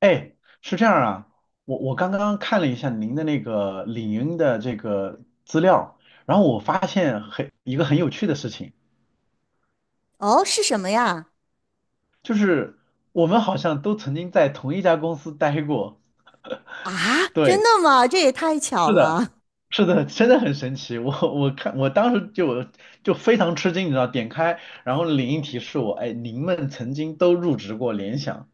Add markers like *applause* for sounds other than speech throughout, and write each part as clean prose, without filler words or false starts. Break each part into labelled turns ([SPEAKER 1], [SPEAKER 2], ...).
[SPEAKER 1] 哎，是这样啊，我刚刚看了一下您的那个领英的这个资料，然后我发现很一个很有趣的事情，
[SPEAKER 2] 哦，是什么呀？
[SPEAKER 1] 就是我们好像都曾经在同一家公司待过。
[SPEAKER 2] 啊，真
[SPEAKER 1] 对，
[SPEAKER 2] 的吗？这也太巧
[SPEAKER 1] 是的，
[SPEAKER 2] 了。
[SPEAKER 1] 是的，真的很神奇。我当时就非常吃惊，你知道，点开然后领英提示我，哎，您们曾经都入职过联想。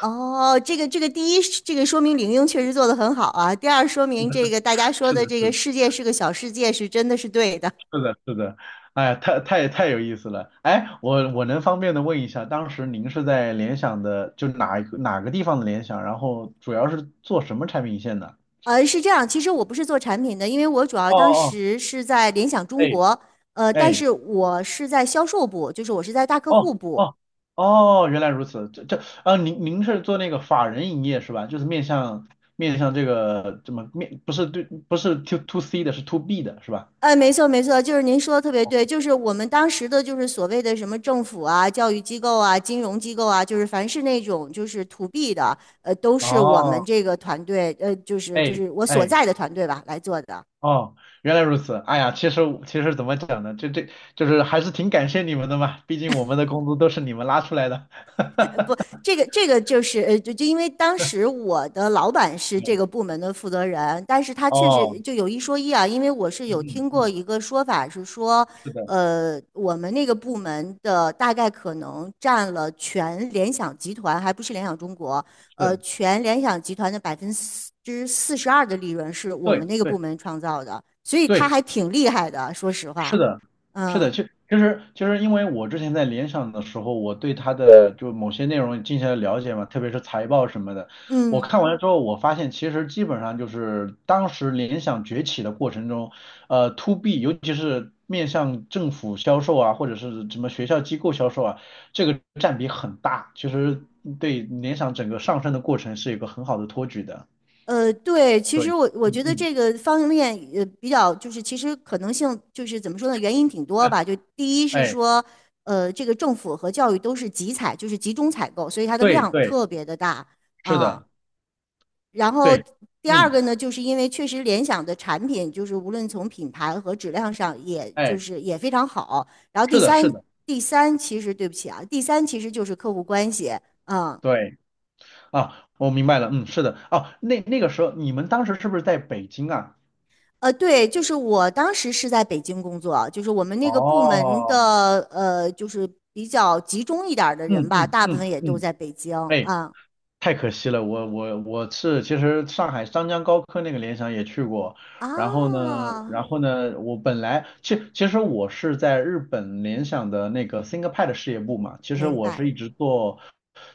[SPEAKER 2] 哦，这个，第一，这个说明玲英确实做得很好啊。第二，说明这个大家说
[SPEAKER 1] 是
[SPEAKER 2] 的
[SPEAKER 1] 的，
[SPEAKER 2] 这个
[SPEAKER 1] 是的。
[SPEAKER 2] 世界是个小世界是真的是对的。
[SPEAKER 1] 是的，是的，哎呀，太太太有意思了。哎，我能方便的问一下，当时您是在联想的，就哪个地方的联想，然后主要是做什么产品线的？
[SPEAKER 2] 是这样，其实我不是做产品的，因为我主要
[SPEAKER 1] 哦
[SPEAKER 2] 当
[SPEAKER 1] 哦，哦，
[SPEAKER 2] 时是在联想中
[SPEAKER 1] 哎
[SPEAKER 2] 国，但
[SPEAKER 1] 哎，
[SPEAKER 2] 是我是在销售部，就是我是在大客
[SPEAKER 1] 哦
[SPEAKER 2] 户部。
[SPEAKER 1] 哦哦，原来如此。这这啊，您是做那个法人营业是吧？就是面向这个怎么面，不是对，不是 to C 的，是 to B 的是吧？
[SPEAKER 2] 哎，没错没错，就是您说的特别对，就是我们当时的，就是所谓的什么政府啊、教育机构啊、金融机构啊，就是凡是那种就是 to B 的，都是我们
[SPEAKER 1] 哦，
[SPEAKER 2] 这个团队，就是就
[SPEAKER 1] 哎
[SPEAKER 2] 是我所
[SPEAKER 1] 哎。
[SPEAKER 2] 在的团队吧来做的。
[SPEAKER 1] 哦，原来如此。哎呀，其实怎么讲呢？就是还是挺感谢你们的嘛，毕竟我们的工资都是你们拉出来的。
[SPEAKER 2] 不，
[SPEAKER 1] *laughs*
[SPEAKER 2] 这个就是就因为当时我的老板是这
[SPEAKER 1] 嗯
[SPEAKER 2] 个部门的负责人，但是他确实
[SPEAKER 1] 哦，
[SPEAKER 2] 就有一说一啊，因为我是
[SPEAKER 1] 嗯
[SPEAKER 2] 有
[SPEAKER 1] 嗯
[SPEAKER 2] 听过
[SPEAKER 1] 嗯，
[SPEAKER 2] 一个说法是说，
[SPEAKER 1] 是的，
[SPEAKER 2] 我们那个部门的大概可能占了全联想集团，还不是联想中国，
[SPEAKER 1] 是，
[SPEAKER 2] 全联想集团的42%的利润是我们
[SPEAKER 1] 对
[SPEAKER 2] 那个
[SPEAKER 1] 对
[SPEAKER 2] 部门创造的，所以他
[SPEAKER 1] 对。
[SPEAKER 2] 还挺厉害的，说实话，
[SPEAKER 1] 是的，是
[SPEAKER 2] 嗯
[SPEAKER 1] 的，就其实就是因为我之前在联想的时候，我对它的就某些内容进行了了解嘛，特别是财报什么的，我
[SPEAKER 2] 嗯。
[SPEAKER 1] 看完了之后，我发现其实基本上就是当时联想崛起的过程中，to B，尤其是面向政府销售啊，或者是什么学校机构销售啊，这个占比很大，其实对联想整个上升的过程是一个很好的托举的。
[SPEAKER 2] 对，其
[SPEAKER 1] 对，
[SPEAKER 2] 实我觉
[SPEAKER 1] 嗯
[SPEAKER 2] 得
[SPEAKER 1] 嗯，
[SPEAKER 2] 这个方便面呃比较就是其实可能性就是怎么说呢，原因挺多
[SPEAKER 1] *laughs*
[SPEAKER 2] 吧。就第一是
[SPEAKER 1] 哎，
[SPEAKER 2] 说，这个政府和教育都是集采，就是集中采购，所以它的
[SPEAKER 1] 对
[SPEAKER 2] 量
[SPEAKER 1] 对，
[SPEAKER 2] 特别的大
[SPEAKER 1] 是
[SPEAKER 2] 啊。
[SPEAKER 1] 的，
[SPEAKER 2] 然后
[SPEAKER 1] 对，
[SPEAKER 2] 第二
[SPEAKER 1] 嗯。
[SPEAKER 2] 个呢，就是因为确实联想的产品就是无论从品牌和质量上，也就
[SPEAKER 1] 哎。
[SPEAKER 2] 是也非常好。然后第
[SPEAKER 1] 是的，是
[SPEAKER 2] 三，
[SPEAKER 1] 的，
[SPEAKER 2] 第三其实对不起啊，第三其实就是客户关系啊，
[SPEAKER 1] 对啊，我明白了，嗯，是的，哦，那个时候你们当时是不是在北京啊？
[SPEAKER 2] 对，就是我当时是在北京工作，就是我们那个部门
[SPEAKER 1] 哦，
[SPEAKER 2] 的就是比较集中一点儿的
[SPEAKER 1] 嗯
[SPEAKER 2] 人吧，
[SPEAKER 1] 嗯
[SPEAKER 2] 大部
[SPEAKER 1] 嗯
[SPEAKER 2] 分也都
[SPEAKER 1] 嗯，
[SPEAKER 2] 在北京
[SPEAKER 1] 哎，
[SPEAKER 2] 啊
[SPEAKER 1] 太可惜了，我是其实上海张江高科那个联想也去过，然后呢，
[SPEAKER 2] 啊，
[SPEAKER 1] 然后呢，我本来其实我是在日本联想的那个 ThinkPad 事业部嘛，其实
[SPEAKER 2] 明
[SPEAKER 1] 我是
[SPEAKER 2] 白。
[SPEAKER 1] 一直做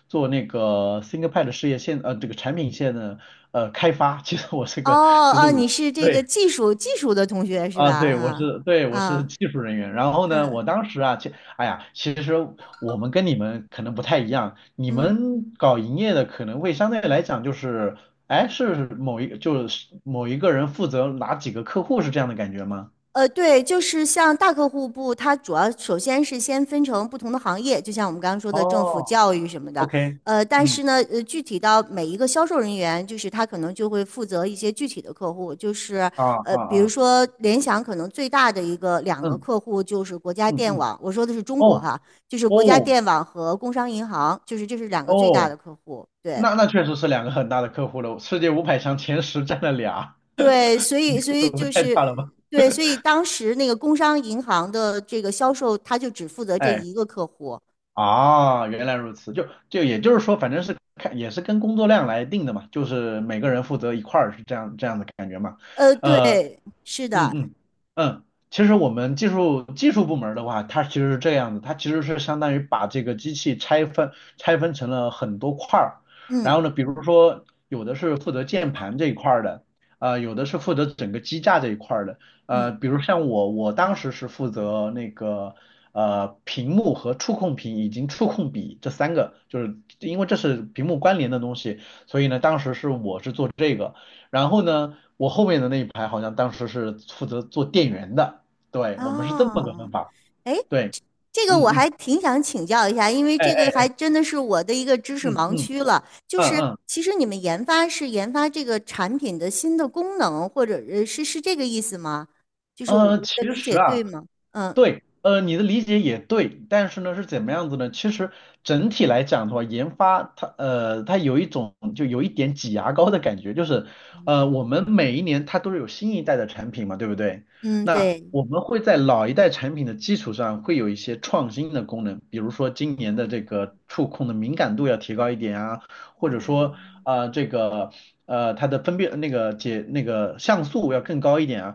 [SPEAKER 1] 做那个 ThinkPad 事业线这个产品线的开发，其实我是
[SPEAKER 2] 哦
[SPEAKER 1] 个其实
[SPEAKER 2] 哦，
[SPEAKER 1] 我。
[SPEAKER 2] 你是这个
[SPEAKER 1] 对，
[SPEAKER 2] 技术的同学是吧？
[SPEAKER 1] 啊，对，
[SPEAKER 2] 啊
[SPEAKER 1] 对，我是
[SPEAKER 2] 啊
[SPEAKER 1] 技术人员。然后呢，
[SPEAKER 2] 嗯
[SPEAKER 1] 我当时啊，哎呀，其实我们跟你们可能不太一样，你
[SPEAKER 2] 嗯。
[SPEAKER 1] 们搞营业的可能会相对来讲就是，哎，是就是某一个人负责哪几个客户是这样的感觉吗？
[SPEAKER 2] 对，就是像大客户部，它主要首先是先分成不同的行业，就像我们刚刚说的政府、
[SPEAKER 1] 哦
[SPEAKER 2] 教育什么的。
[SPEAKER 1] ，OK，
[SPEAKER 2] 但
[SPEAKER 1] 嗯，
[SPEAKER 2] 是呢，具体到每一个销售人员，就是他可能就会负责一些具体的客户，就是
[SPEAKER 1] 啊啊
[SPEAKER 2] 比如
[SPEAKER 1] 啊，
[SPEAKER 2] 说联想可能最大的一个两个
[SPEAKER 1] 嗯
[SPEAKER 2] 客户就是国家
[SPEAKER 1] 嗯
[SPEAKER 2] 电
[SPEAKER 1] 嗯，
[SPEAKER 2] 网，我说的是中国
[SPEAKER 1] 哦
[SPEAKER 2] 哈，就是国家
[SPEAKER 1] 哦
[SPEAKER 2] 电网和工商银行，就是这是两个最大
[SPEAKER 1] 哦，
[SPEAKER 2] 的客户，对。
[SPEAKER 1] 那确实是两个很大的客户了，世界500强前10占了俩，
[SPEAKER 2] 对，所以所以
[SPEAKER 1] 可不
[SPEAKER 2] 就
[SPEAKER 1] 太
[SPEAKER 2] 是
[SPEAKER 1] 大了吧？
[SPEAKER 2] 对，所以当时那个工商银行的这个销售，他就只负责这
[SPEAKER 1] 哎。
[SPEAKER 2] 一个客户。
[SPEAKER 1] 啊，原来如此，就就也就是说，反正是看也是跟工作量来定的嘛，就是每个人负责一块儿，是这样的感觉嘛。呃。
[SPEAKER 2] 对，是
[SPEAKER 1] 嗯
[SPEAKER 2] 的，
[SPEAKER 1] 嗯嗯，其实我们技术部门儿的话，它其实是这样的，它其实是相当于把这个机器拆分成了很多块儿，然
[SPEAKER 2] 嗯
[SPEAKER 1] 后呢，比如说有的是负责键盘这一块儿的，呃，有的是负责整个机架这一块儿的，
[SPEAKER 2] 嗯，
[SPEAKER 1] 呃，比如像我，我当时是负责那个屏幕和触控屏以及触控笔这三个，就是因为这是屏幕关联的东西，所以呢，当时是我是做这个，然后呢。我后面的那一排好像当时是负责做店员的，对，我们是这么个
[SPEAKER 2] 哦，
[SPEAKER 1] 分法，
[SPEAKER 2] 哎，
[SPEAKER 1] 对，
[SPEAKER 2] 这个
[SPEAKER 1] 嗯
[SPEAKER 2] 我
[SPEAKER 1] 嗯，
[SPEAKER 2] 还挺想请教一下，因为
[SPEAKER 1] 哎
[SPEAKER 2] 这个还
[SPEAKER 1] 哎，
[SPEAKER 2] 真的是我的一个知识
[SPEAKER 1] 嗯
[SPEAKER 2] 盲
[SPEAKER 1] 嗯
[SPEAKER 2] 区了。就
[SPEAKER 1] 嗯
[SPEAKER 2] 是
[SPEAKER 1] 嗯，
[SPEAKER 2] 其实你们研发是研发这个产品的新的功能，或者是这个意思吗？就是我我的
[SPEAKER 1] 其
[SPEAKER 2] 理解
[SPEAKER 1] 实
[SPEAKER 2] 对
[SPEAKER 1] 啊，
[SPEAKER 2] 吗？嗯
[SPEAKER 1] 对，你的理解也对，但是呢是怎么样子呢？其实整体来讲的话，研发它它有一种就有一点挤牙膏的感觉，就是我们每一年它都是有新一代的产品嘛，对不对？
[SPEAKER 2] 嗯，
[SPEAKER 1] 那
[SPEAKER 2] 对，
[SPEAKER 1] 我们会在老一代产品的基础上会有一些创新的功能，比如说今年的这个触控的敏感度要提高一点啊，或者
[SPEAKER 2] 啊、
[SPEAKER 1] 说啊、这个它的分辨那个解那个像素要更高一点啊。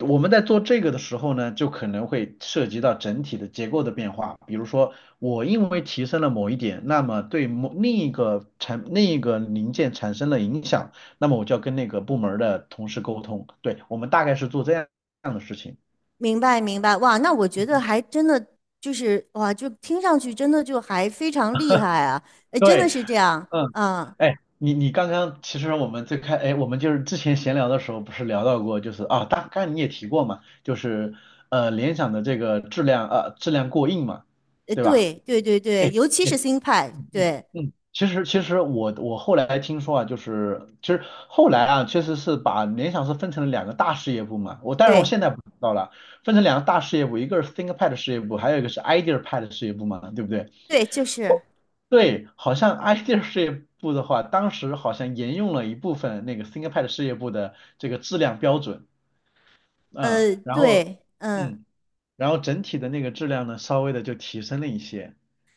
[SPEAKER 1] 我们在做这个的时候呢，就可能会涉及到整体的结构的变化。比如说，我因为提升了某一点，那么对某另一个产另一个零件产生了影响，那么我就要跟那个部门儿的同事沟通。对，我们大概是做这样的事情。
[SPEAKER 2] 明白明白，哇，那我觉得
[SPEAKER 1] 嗯
[SPEAKER 2] 还真的就是哇，就听上去真的就还非常厉害啊，哎，真的
[SPEAKER 1] 对，
[SPEAKER 2] 是这样，
[SPEAKER 1] 嗯，
[SPEAKER 2] 嗯，
[SPEAKER 1] 哎，你刚刚其实我们哎，我们就是之前闲聊的时候不是聊到过，就是啊，大概你也提过嘛，就是联想的这个质量过硬嘛，对吧？
[SPEAKER 2] 对对对对，
[SPEAKER 1] 哎。
[SPEAKER 2] 尤其是新派，对
[SPEAKER 1] 嗯，其实我后来听说啊，就是其实后来啊，确实是把联想是分成了两个大事业部嘛。我当然我
[SPEAKER 2] 对
[SPEAKER 1] 现在不知道了，分成两个大事业部，一个是 ThinkPad 事业部，还有一个是 IdeaPad 事业部嘛，对不对？
[SPEAKER 2] 对，就是，
[SPEAKER 1] 对，好像 *laughs* Idea 事业部的话，当时好像沿用了一部分那个 ThinkPad 事业部的这个质量标准，嗯，然后
[SPEAKER 2] 对，嗯。
[SPEAKER 1] 嗯，然后整体的那个质量呢，稍微的就提升了一些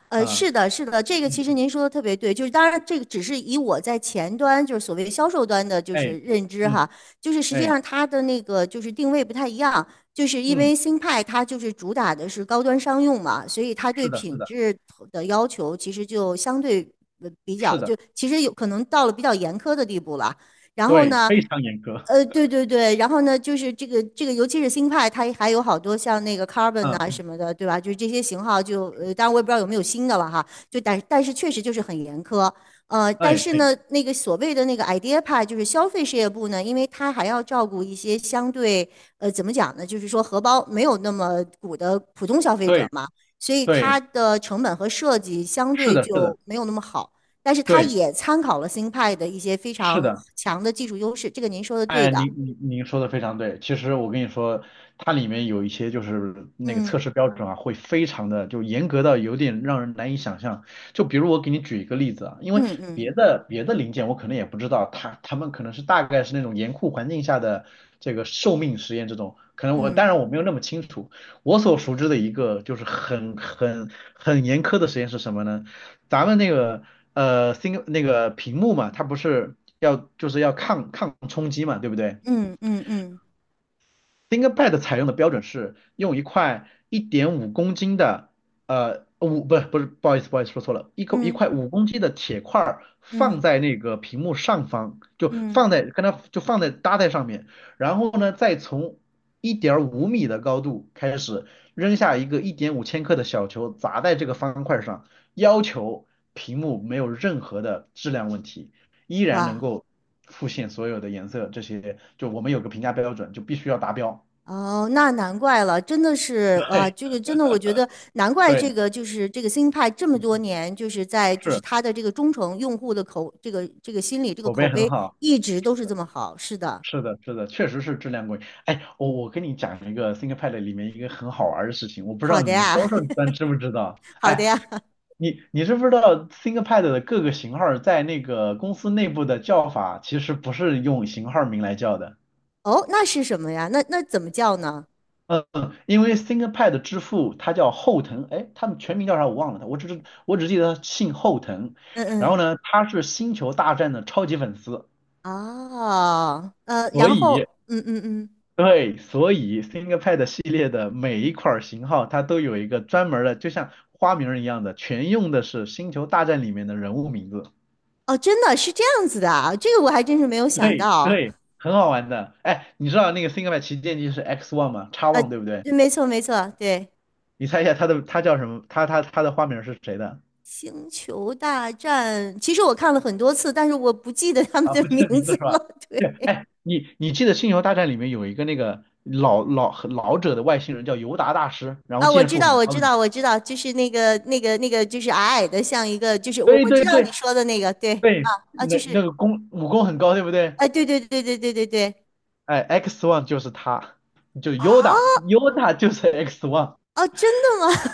[SPEAKER 1] 啊，
[SPEAKER 2] 是的，是的，这个
[SPEAKER 1] 嗯
[SPEAKER 2] 其实
[SPEAKER 1] 嗯，
[SPEAKER 2] 您说的特别对，就是当然这个只是以我在前端，就是所谓销售端的，就
[SPEAKER 1] 哎，
[SPEAKER 2] 是认知
[SPEAKER 1] 嗯
[SPEAKER 2] 哈，就是实际
[SPEAKER 1] 哎，
[SPEAKER 2] 上它的那个就是定位不太一样，就是因
[SPEAKER 1] 嗯，
[SPEAKER 2] 为新派它就是主打的是高端商用嘛，所以它对
[SPEAKER 1] 是的，
[SPEAKER 2] 品
[SPEAKER 1] 是的。
[SPEAKER 2] 质的要求其实就相对比
[SPEAKER 1] 是
[SPEAKER 2] 较，就
[SPEAKER 1] 的，
[SPEAKER 2] 其实有可能到了比较严苛的地步了。然后
[SPEAKER 1] 对，
[SPEAKER 2] 呢，
[SPEAKER 1] 非常严格。
[SPEAKER 2] 对对对，然后呢，就是这个，尤其是新派，它还有好多像那个 Carbon 啊
[SPEAKER 1] 嗯，
[SPEAKER 2] 什么的，对吧？就是这些型号就，当然我也不知道有没有新的了哈，就但是确实就是很严苛，但
[SPEAKER 1] 哎，
[SPEAKER 2] 是
[SPEAKER 1] 对，
[SPEAKER 2] 呢，那个所谓的那个 idea 派，就是消费事业部呢，因为它还要照顾一些相对，怎么讲呢？就是说荷包没有那么鼓的普通消费者
[SPEAKER 1] 对，
[SPEAKER 2] 嘛，所以它
[SPEAKER 1] 对，
[SPEAKER 2] 的成本和设计相
[SPEAKER 1] 是
[SPEAKER 2] 对
[SPEAKER 1] 的，是的，
[SPEAKER 2] 就没有那么好。但是它
[SPEAKER 1] 对，
[SPEAKER 2] 也参考了新派的一些非
[SPEAKER 1] 是
[SPEAKER 2] 常
[SPEAKER 1] 的。
[SPEAKER 2] 强的技术优势，这个您说的对
[SPEAKER 1] 哎，
[SPEAKER 2] 的。
[SPEAKER 1] 您说的非常对。其实我跟你说，它里面有一些就是那个测
[SPEAKER 2] 嗯
[SPEAKER 1] 试标准啊，会非常的就严格到有点让人难以想象。就比如我给你举一个例子啊，因
[SPEAKER 2] 嗯
[SPEAKER 1] 为
[SPEAKER 2] 嗯
[SPEAKER 1] 别的零件我可能也不知道，他们可能是大概是那种严酷环境下的这个寿命实验这种，可能我当
[SPEAKER 2] 嗯
[SPEAKER 1] 然我没有那么清楚。我所熟知的一个就是很严苛的实验是什么呢？咱们那个新那个屏幕嘛，它不是要就是要抗冲击嘛，对不对？
[SPEAKER 2] 嗯嗯嗯
[SPEAKER 1] ThinkPad 采用的标准是用一块1.5公斤的，不是不是，不好意思不好意思说错了，一
[SPEAKER 2] 嗯
[SPEAKER 1] 块五公斤的铁块儿
[SPEAKER 2] 嗯
[SPEAKER 1] 放在那个屏幕上方，就
[SPEAKER 2] 嗯，
[SPEAKER 1] 放在跟它就放在搭在上面，然后呢再从1.5米的高度开始扔下一个1.5千克的小球砸在这个方块上，要求屏幕没有任何的质量问题，依然能
[SPEAKER 2] 哇
[SPEAKER 1] 够复现所有的颜色这些，就我们有个评价标准，就必须要达标。
[SPEAKER 2] 哦，那难怪了，真的是啊，
[SPEAKER 1] 对
[SPEAKER 2] 这个真的，我觉得难
[SPEAKER 1] *laughs*
[SPEAKER 2] 怪
[SPEAKER 1] 对，
[SPEAKER 2] 这个就是这个新派这么多年就是在就是
[SPEAKER 1] 是
[SPEAKER 2] 它的这个忠诚用户的口这个这个心理这个
[SPEAKER 1] 口
[SPEAKER 2] 口
[SPEAKER 1] 碑很
[SPEAKER 2] 碑
[SPEAKER 1] 好，
[SPEAKER 2] 一直都是这么好。是的，
[SPEAKER 1] 是的，是的，确实是质量过硬。哎，我跟你讲一个 ThinkPad 里面一个很好玩的事情，我不知道
[SPEAKER 2] 好的
[SPEAKER 1] 你们销
[SPEAKER 2] 呀，
[SPEAKER 1] 售端知不知道？
[SPEAKER 2] *laughs* 好的
[SPEAKER 1] 哎，
[SPEAKER 2] 呀。
[SPEAKER 1] 你知不知道 ThinkPad 的各个型号在那个公司内部的叫法其实不是用型号名来叫的，
[SPEAKER 2] 哦，那是什么呀？那那怎么叫呢？
[SPEAKER 1] 嗯，因为 ThinkPad 之父他叫后藤，哎，他们全名叫啥我忘了，他我只是我只记得他姓后藤，
[SPEAKER 2] 嗯
[SPEAKER 1] 然后
[SPEAKER 2] 嗯。
[SPEAKER 1] 呢，他是星球大战的超级粉丝。
[SPEAKER 2] 哦，
[SPEAKER 1] 所
[SPEAKER 2] 然
[SPEAKER 1] 以
[SPEAKER 2] 后，嗯嗯嗯，
[SPEAKER 1] 对，所以 ThinkPad 系列的每一款型号，它都有一个专门儿的，就像花名儿一样的，全用的是《星球大战》里面的人物名字。
[SPEAKER 2] 哦，真的是这样子的啊，这个我还真是没有想
[SPEAKER 1] 对
[SPEAKER 2] 到。
[SPEAKER 1] 对，很好玩的。哎，你知道那个 ThinkPad 旗舰机是 X One 吗？X
[SPEAKER 2] 呃，
[SPEAKER 1] One 对不对？
[SPEAKER 2] 对没错没错，对，
[SPEAKER 1] 你猜一下它叫什么？它的花名儿是谁的？
[SPEAKER 2] 《星球大战》，其实我看了很多次，但是我不记得他们
[SPEAKER 1] 啊，
[SPEAKER 2] 的
[SPEAKER 1] 不记
[SPEAKER 2] 名
[SPEAKER 1] 得名字
[SPEAKER 2] 字
[SPEAKER 1] 是
[SPEAKER 2] 了。
[SPEAKER 1] 吧？对，
[SPEAKER 2] 对，
[SPEAKER 1] 哎，你记得《星球大战》里面有一个那个很老者的外星人叫尤达大师，然后
[SPEAKER 2] 啊，我
[SPEAKER 1] 剑
[SPEAKER 2] 知
[SPEAKER 1] 术
[SPEAKER 2] 道
[SPEAKER 1] 很
[SPEAKER 2] 我
[SPEAKER 1] 高
[SPEAKER 2] 知
[SPEAKER 1] 的。
[SPEAKER 2] 道我知道，就是那个那个那个，就是矮矮的，像一个，就是我
[SPEAKER 1] 对
[SPEAKER 2] 我知
[SPEAKER 1] 对
[SPEAKER 2] 道你
[SPEAKER 1] 对
[SPEAKER 2] 说的那个，对，啊
[SPEAKER 1] 对，
[SPEAKER 2] 啊，就
[SPEAKER 1] 那那
[SPEAKER 2] 是，
[SPEAKER 1] 个武功很高，对不对？
[SPEAKER 2] 哎、对对对对对对对，
[SPEAKER 1] 哎，X One 就是他，就 Yoda，Yoda 就是 X One。
[SPEAKER 2] 哦，真的吗？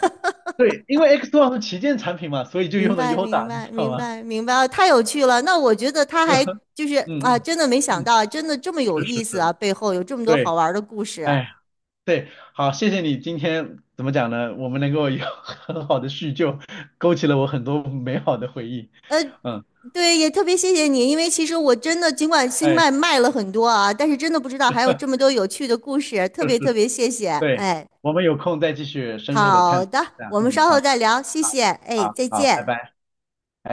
[SPEAKER 1] 对，因为 X One 是旗舰产品嘛，所以就
[SPEAKER 2] 明
[SPEAKER 1] 用的
[SPEAKER 2] 白，明
[SPEAKER 1] Yoda，你
[SPEAKER 2] 白，
[SPEAKER 1] 知道
[SPEAKER 2] 明
[SPEAKER 1] 吗？
[SPEAKER 2] 白，明白，啊太有趣了。那我觉得他
[SPEAKER 1] *laughs* 就
[SPEAKER 2] 还就是
[SPEAKER 1] 嗯
[SPEAKER 2] 啊，
[SPEAKER 1] 嗯
[SPEAKER 2] 真的没想
[SPEAKER 1] 嗯，
[SPEAKER 2] 到，真的这么有
[SPEAKER 1] 是
[SPEAKER 2] 意思
[SPEAKER 1] 是，
[SPEAKER 2] 啊，背后有这么多好
[SPEAKER 1] 对，
[SPEAKER 2] 玩儿的故事啊。
[SPEAKER 1] 哎，对，好，谢谢你今天怎么讲呢？我们能够有 *laughs* 很好的叙旧，勾起了我很多美好的回忆。
[SPEAKER 2] 呃，
[SPEAKER 1] 嗯，
[SPEAKER 2] 对，也特别谢谢你，因为其实我真的尽管星
[SPEAKER 1] 哎，
[SPEAKER 2] 脉卖了很多啊，但是真的不知道还有这么
[SPEAKER 1] *laughs*
[SPEAKER 2] 多有趣的故事，特
[SPEAKER 1] 是是，
[SPEAKER 2] 别特别谢谢。
[SPEAKER 1] 对，
[SPEAKER 2] 哎，
[SPEAKER 1] 我们有空再继续深入的探
[SPEAKER 2] 好
[SPEAKER 1] 讨
[SPEAKER 2] 的，
[SPEAKER 1] 一下。
[SPEAKER 2] 我们
[SPEAKER 1] 嗯，
[SPEAKER 2] 稍后
[SPEAKER 1] 好的，
[SPEAKER 2] 再聊，谢
[SPEAKER 1] 好，
[SPEAKER 2] 谢。哎，
[SPEAKER 1] 好，
[SPEAKER 2] 再
[SPEAKER 1] 好，拜
[SPEAKER 2] 见。
[SPEAKER 1] 拜。